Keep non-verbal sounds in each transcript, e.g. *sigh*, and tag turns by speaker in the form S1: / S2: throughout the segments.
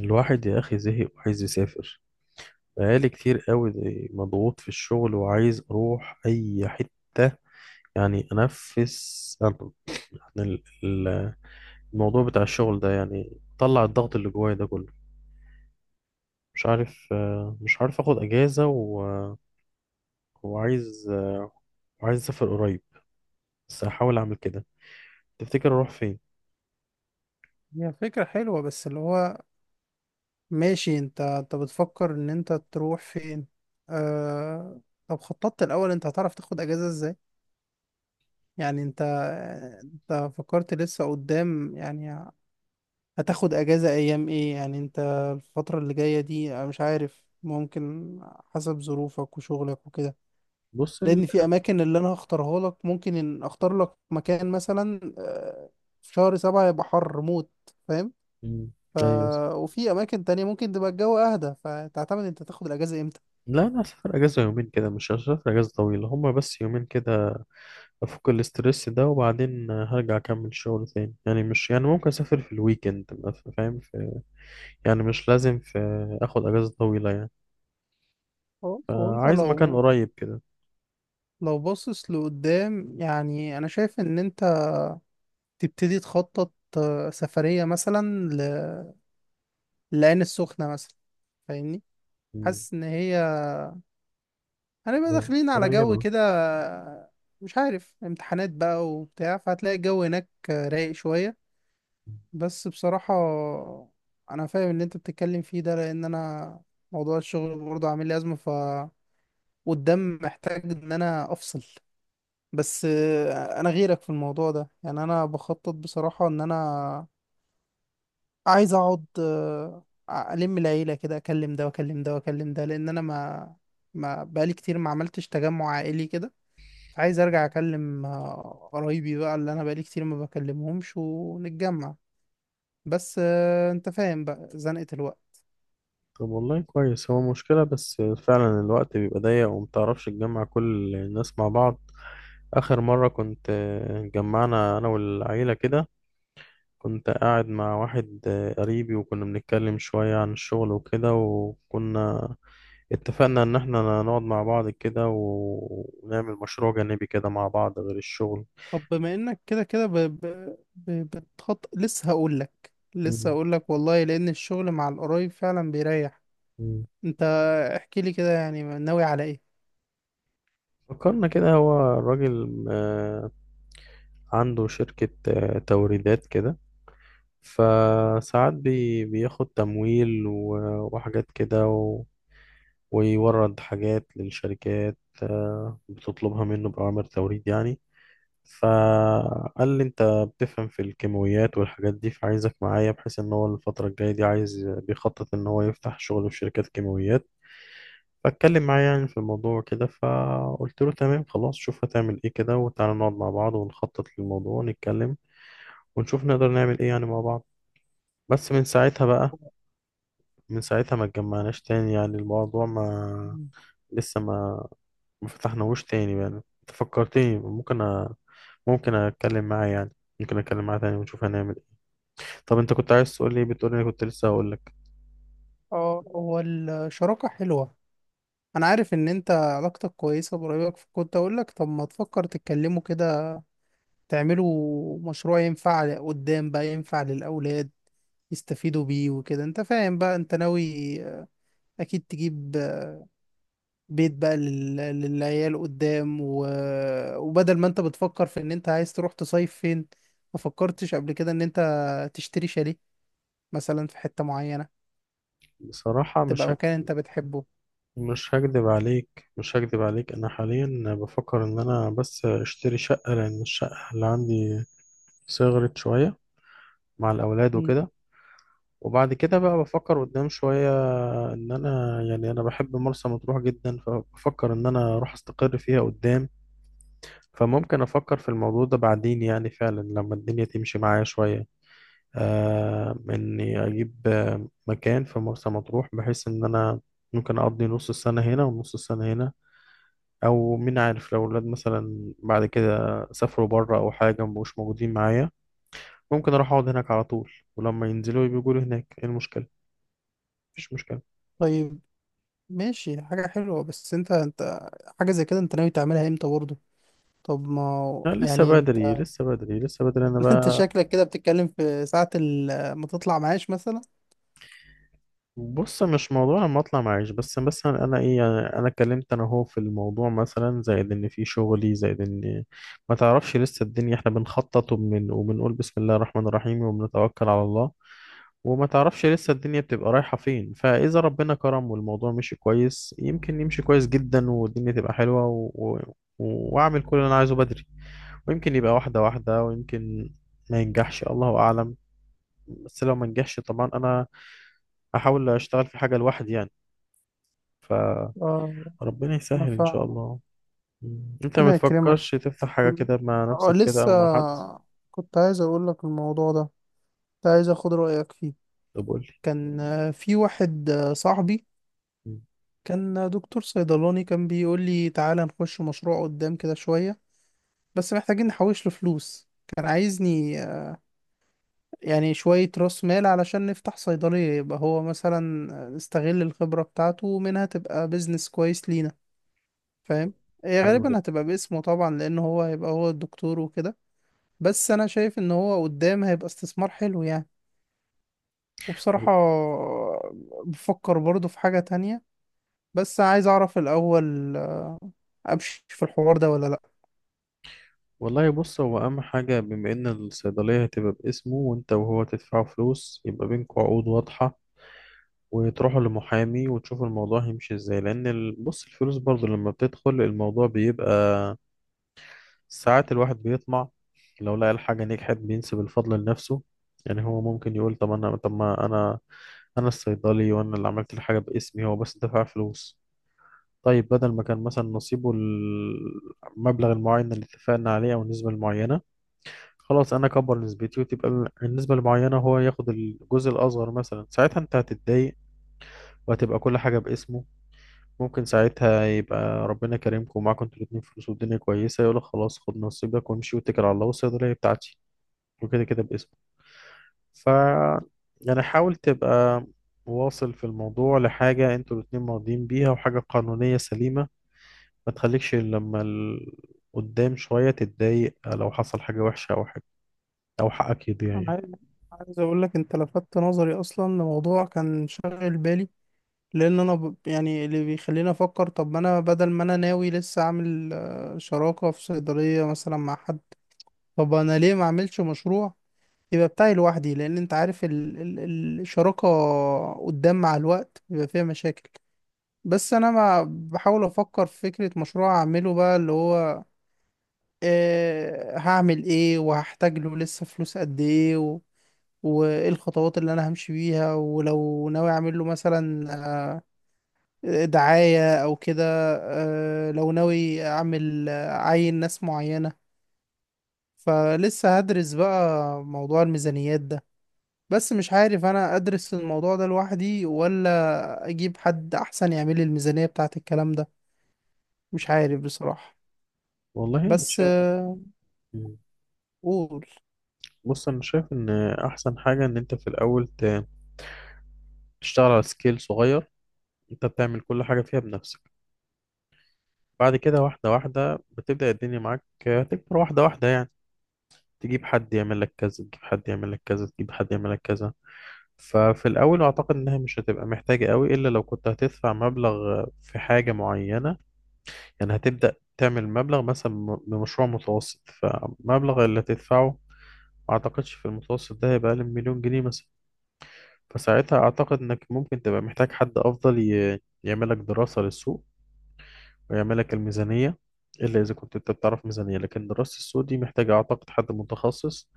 S1: الواحد يا أخي زهق وعايز يسافر. بقالي كتير قوي، مضغوط في الشغل وعايز أروح أي حتة، يعني أنفس عن عن ال- ال- الموضوع بتاع الشغل ده، يعني طلع الضغط اللي جوايا ده كله. مش عارف أخد أجازة وعايز آه، وعايز أسافر قريب، بس هحاول أعمل كده. تفتكر أروح فين؟
S2: هي فكرة حلوة بس اللي هو ماشي. انت بتفكر ان انت تروح فين؟ آه... طب خططت الاول، انت هتعرف تاخد اجازة ازاي؟ يعني انت، انت فكرت لسه قدام يعني؟ هتاخد اجازة ايام ايه يعني انت؟ الفترة اللي جاية دي انا مش عارف، ممكن حسب ظروفك وشغلك وكده.
S1: بص
S2: لان في اماكن اللي انا هختارها لك، ممكن ان اختار لك مكان مثلا، في شهر سبعة يبقى حر موت، فاهم؟
S1: مم.
S2: ف...
S1: أيوه.
S2: وفي اماكن تانية ممكن تبقى الجو اهدى، فتعتمد انت تاخد الاجازة امتى.
S1: لا أنا هسافر أجازة يومين كده، مش هسافر أجازة طويلة، هما بس يومين كده، افك الاسترس ده وبعدين هرجع اكمل شغل تاني، يعني مش يعني ممكن اسافر في الويكند، ما ف- فاهم، في يعني مش لازم في اخد اجازة طويلة يعني،
S2: هو انت
S1: عايز مكان
S2: لو،
S1: قريب كده.
S2: لو باصص لقدام، يعني انا شايف ان انت تبتدي تخطط سفرية مثلا ل... لعين السخنة مثلا، فاهمني؟
S1: مم.
S2: حاسس ان هي، هنبقى داخلين على جو
S1: قريبة.
S2: كده، مش عارف، امتحانات بقى وبتاع، فهتلاقي الجو هناك رايق شوية. بس بصراحة انا فاهم ان انت بتتكلم فيه ده، لان انا موضوع الشغل برضه عامل لي ازمة، والدم محتاج ان انا افصل. بس انا غيرك في الموضوع ده، يعني انا بخطط بصراحة ان انا عايز اقعد، الم العيلة كده، اكلم ده واكلم ده واكلم ده، لان انا ما بقالي كتير ما عملتش تجمع عائلي كده. فعايز ارجع اكلم قرايبي بقى اللي انا بقالي كتير ما بكلمهمش، ونتجمع. بس انت فاهم بقى زنقة الوقت.
S1: طب والله كويس، هو مشكلة بس فعلا الوقت بيبقى ضيق ومتعرفش تجمع كل الناس مع بعض. آخر مرة كنت، جمعنا أنا والعيلة كده، كنت قاعد مع واحد قريبي وكنا بنتكلم شوية عن الشغل وكده، وكنا اتفقنا ان احنا نقعد مع بعض كده ونعمل مشروع جانبي كده مع بعض غير الشغل.
S2: طب بما انك كده كده بتخط، لسه هقول لك، لسه
S1: مم.
S2: هقول لك والله، لان الشغل مع القرايب فعلا بيريح.
S1: مم.
S2: انت احكي لي كده، يعني ناوي على ايه؟
S1: فكرنا كده، هو الراجل عنده شركة توريدات كده، فساعات بياخد تمويل وحاجات كده ويورد حاجات للشركات بتطلبها منه بأوامر توريد يعني. فقال لي انت بتفهم في الكيماويات والحاجات دي، فعايزك معايا، بحيث ان هو الفترة الجاية دي عايز بيخطط ان هو يفتح شغل في شركات كيماويات. فاتكلم معايا يعني في الموضوع كده، فقلت له تمام خلاص، شوف هتعمل ايه كده وتعالى نقعد مع بعض ونخطط للموضوع ونتكلم، ونشوف نقدر نعمل ايه يعني مع بعض. بس من ساعتها بقى، من ساعتها ما اتجمعناش تاني، يعني الموضوع ما
S2: مم.
S1: لسه ما فتحناهوش تاني. يعني انت فكرتني، ممكن ممكن اتكلم معاه يعني، ممكن اتكلم معاه تاني ونشوف هنعمل. طب انت كنت عايز تقول لي ايه؟ بتقول لي كنت لسه هقول لك.
S2: اه، هو الشراكة حلوة. انا عارف ان انت علاقتك كويسة بقرايبك، فكنت اقول لك طب ما تفكر تتكلموا كده، تعملوا مشروع ينفع قدام بقى، ينفع للاولاد يستفيدوا بيه وكده. انت فاهم بقى، انت ناوي اكيد تجيب بيت بقى للعيال قدام، وبدل ما انت بتفكر في ان انت عايز تروح تصيف فين، ما فكرتش قبل كده ان انت تشتري شاليه مثلا في حتة معينة،
S1: بصراحة
S2: تبقى مكان انت بتحبه؟
S1: مش هكدب عليك، انا حاليا بفكر ان انا بس اشتري شقة، لان الشقة اللي عندي صغرت شوية مع الاولاد
S2: مم.
S1: وكده. وبعد كده بقى بفكر قدام شوية، ان انا، يعني بحب مرسى مطروح جدا، فبفكر ان انا اروح استقر فيها قدام، فممكن افكر في الموضوع ده بعدين يعني، فعلا لما الدنيا تمشي معايا شوية، إني أجيب مكان في مرسى مطروح، بحيث إن أنا ممكن أقضي نص السنة هنا ونص السنة هنا. أو مين عارف، لو الولاد مثلا بعد كده سافروا بره أو حاجة، مبقوش موجودين معايا، ممكن أروح أقعد هناك على طول، ولما ينزلوا يبقوا يقولوا هناك إيه المشكلة؟ مفيش مشكلة.
S2: طيب ماشي، حاجة حلوة. بس انت، انت حاجة زي كده انت ناوي تعملها امتى برضه؟ طب ما هو-
S1: لا، لسه
S2: يعني
S1: بدري
S2: انت
S1: لسه بدري لسه بدري أنا
S2: *laughs* انت
S1: بقى.
S2: شكلك كده بتتكلم في ساعة ال- ما تطلع معاش مثلا.
S1: بص، مش موضوع لما اطلع معيش، بس مثلا انا ايه، يعني انا اتكلمت، انا هو في الموضوع مثلا زائد ان في شغلي زائد ان ما تعرفش لسه الدنيا، احنا بنخطط وبنقول بسم الله الرحمن الرحيم وبنتوكل على الله. وما تعرفش لسه الدنيا بتبقى رايحة فين، فاذا ربنا كرم والموضوع مشي كويس، يمكن يمشي كويس جدا والدنيا تبقى حلوة واعمل كل اللي انا عايزه بدري. ويمكن يبقى واحدة واحدة، ويمكن ما ينجحش، الله اعلم. بس لو ما نجحش طبعا انا هحاول اشتغل في حاجة لوحدي يعني. ف
S2: اه،
S1: ربنا
S2: انا
S1: يسهل ان شاء
S2: فاهم.
S1: الله. مم. انت ما
S2: ربنا يكرمك.
S1: بتفكرش تفتح حاجه كده مع
S2: اه،
S1: نفسك كده
S2: لسه.
S1: او مع حد؟
S2: كنت عايز اقول لك الموضوع ده، كنت عايز اخد رأيك فيه.
S1: طب قول لي.
S2: كان في واحد صاحبي،
S1: مم.
S2: كان دكتور صيدلاني، كان بيقول لي تعالى نخش مشروع قدام كده شوية، بس محتاجين نحوش له فلوس. كان عايزني يعني شوية راس مال علشان نفتح صيدلية، يبقى هو مثلا نستغل الخبرة بتاعته ومنها تبقى بيزنس كويس لينا،
S1: طب
S2: فاهم؟ هي
S1: حلو
S2: غالبا
S1: جدا.
S2: هتبقى باسمه طبعا، لأن هو هيبقى هو الدكتور وكده. بس أنا شايف إن هو قدام هيبقى استثمار حلو يعني. وبصراحة،
S1: وال-
S2: بفكر برضه في حاجة تانية، بس عايز اعرف الاول، امشي في الحوار ده ولا لا؟
S1: والله، بص، هو اهم حاجه، بما ان الصيدليه هتبقى باسمه وانت وهو تدفعوا فلوس، يبقى بينكم عقود واضحه وتروحوا لمحامي وتشوفوا الموضوع هيمشي ازاي، لان بص الفلوس برضو لما بتدخل الموضوع بيبقى ساعات الواحد بيطمع. لو لقى الحاجة نجحت بينسب الفضل لنفسه، يعني هو ممكن يقول طب أنا، طب ما أنا، أنا الصيدلي وأنا اللي عملت الحاجة باسمي، هو بس دفع فلوس. طيب بدل ما كان مثلا نصيبه المبلغ المعين اللي اتفقنا عليه أو النسبة المعينة، خلاص أنا أكبر نسبتي وتبقى النسبة المعينة هو ياخد الجزء الأصغر مثلا، ساعتها أنت هتتضايق، وهتبقى كل حاجة باسمه. ممكن ساعتها يبقى ربنا كريمكم ومعاكم انتوا الاتنين فلوس والدنيا كويسة، يقولك خلاص خد نصيبك وامشي واتكل على الله، والصيدلية بتاعتي وكده كده باسمك. ف يعني حاول تبقى واصل في الموضوع لحاجة انتوا الاتنين راضيين بيها وحاجة قانونية سليمة، ما تخليكش لما قدام شوية تتضايق، لو حصل حاجة وحشة أو حاجة أو حقك يضيع
S2: انا
S1: يعني.
S2: عايز عايز اقول لك انت لفتت نظري اصلا لموضوع كان شاغل بالي لان انا ب... يعني اللي بيخليني افكر طب ما انا بدل ما انا ناوي لسه اعمل آه، شراكة في صيدلية مثلا مع حد طب انا ليه ما اعملش مشروع يبقى بتاعي لوحدي لان انت عارف ال... ال... الشراكة قدام مع الوقت بيبقى فيها مشاكل بس انا ما بحاول افكر في فكرة مشروع اعمله بقى اللي هو آه، هعمل ايه وهحتاج له لسه فلوس قد ايه و... وايه الخطوات اللي انا همشي بيها ولو ناوي اعمل له مثلا آه، دعاية او كده آه، لو ناوي اعمل آه، عين ناس معينة فلسه هدرس بقى موضوع الميزانيات ده بس مش عارف انا ادرس الموضوع ده لوحدي ولا اجيب حد احسن يعمل لي الميزانية بتاعت الكلام ده مش عارف بصراحة
S1: والله أنا
S2: بس
S1: شايف. مم.
S2: قول.
S1: بص أنا شايف إن أحسن حاجة إن أنت في الأول تشتغل على سكيل صغير، أنت بتعمل كل حاجة فيها بنفسك. بعد كده واحدة واحدة بتبدأ الدنيا معاك تكبر واحدة واحدة يعني، تجيب حد يعمل لك كذا، تجيب حد يعمل لك كذا، تجيب حد يعمل لك كذا. ففي الأول أعتقد إنها مش هتبقى محتاجة قوي، إلا لو كنت هتدفع مبلغ في حاجة معينة. يعني هتبدأ تعمل مبلغ مثلا، بمشروع متوسط، فمبلغ اللي هتدفعه ما أعتقدش في المتوسط ده هيبقى أقل من مليون جنيه مثلا. فساعتها أعتقد إنك ممكن تبقى محتاج حد أفضل يعمل لك دراسة للسوق ويعمل لك الميزانية، إلا إذا كنت أنت بتعرف ميزانية. لكن دراسة السوق دي محتاجة أعتقد حد متخصص،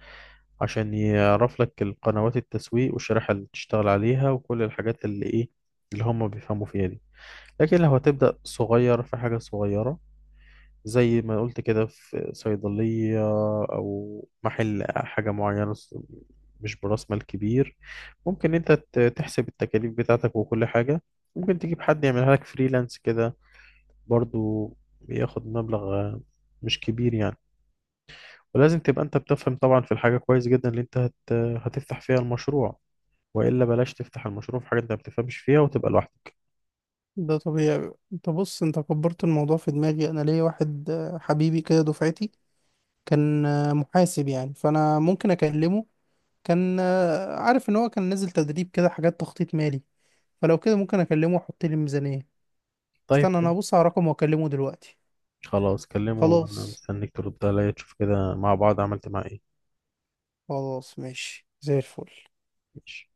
S1: عشان يعرف لك القنوات التسويق والشريحة اللي تشتغل عليها وكل الحاجات اللي إيه اللي هم بيفهموا فيها دي. لكن لو هتبدأ صغير في حاجة صغيرة، زي ما قلت كده، في صيدلية أو محل حاجة معينة، مش برأس مال كبير، ممكن أنت تحسب التكاليف بتاعتك وكل حاجة، ممكن تجيب حد يعملها لك فريلانس كده برضو، بياخد مبلغ مش كبير يعني. ولازم تبقى انت بتفهم طبعا في الحاجة كويس جدا اللي انت هتفتح فيها المشروع، وإلا بلاش تفتح المشروع في حاجة انت ما بتفهمش فيها وتبقى لوحدك.
S2: ده طبيعي. انت بص، انت كبرت الموضوع في دماغي. انا ليا واحد حبيبي كده، دفعتي، كان محاسب يعني، فانا ممكن اكلمه. كان عارف ان هو كان نازل تدريب كده، حاجات تخطيط مالي، فلو كده ممكن اكلمه واحط لي ميزانية.
S1: طيب،
S2: استنى انا
S1: حلو.
S2: هبص على رقم واكلمه دلوقتي.
S1: خلاص كلمه، انا
S2: خلاص.
S1: مستنيك ترد عليا، تشوف كده مع بعض عملت معاه ايه.
S2: خلاص ماشي، زي الفل.
S1: ماشي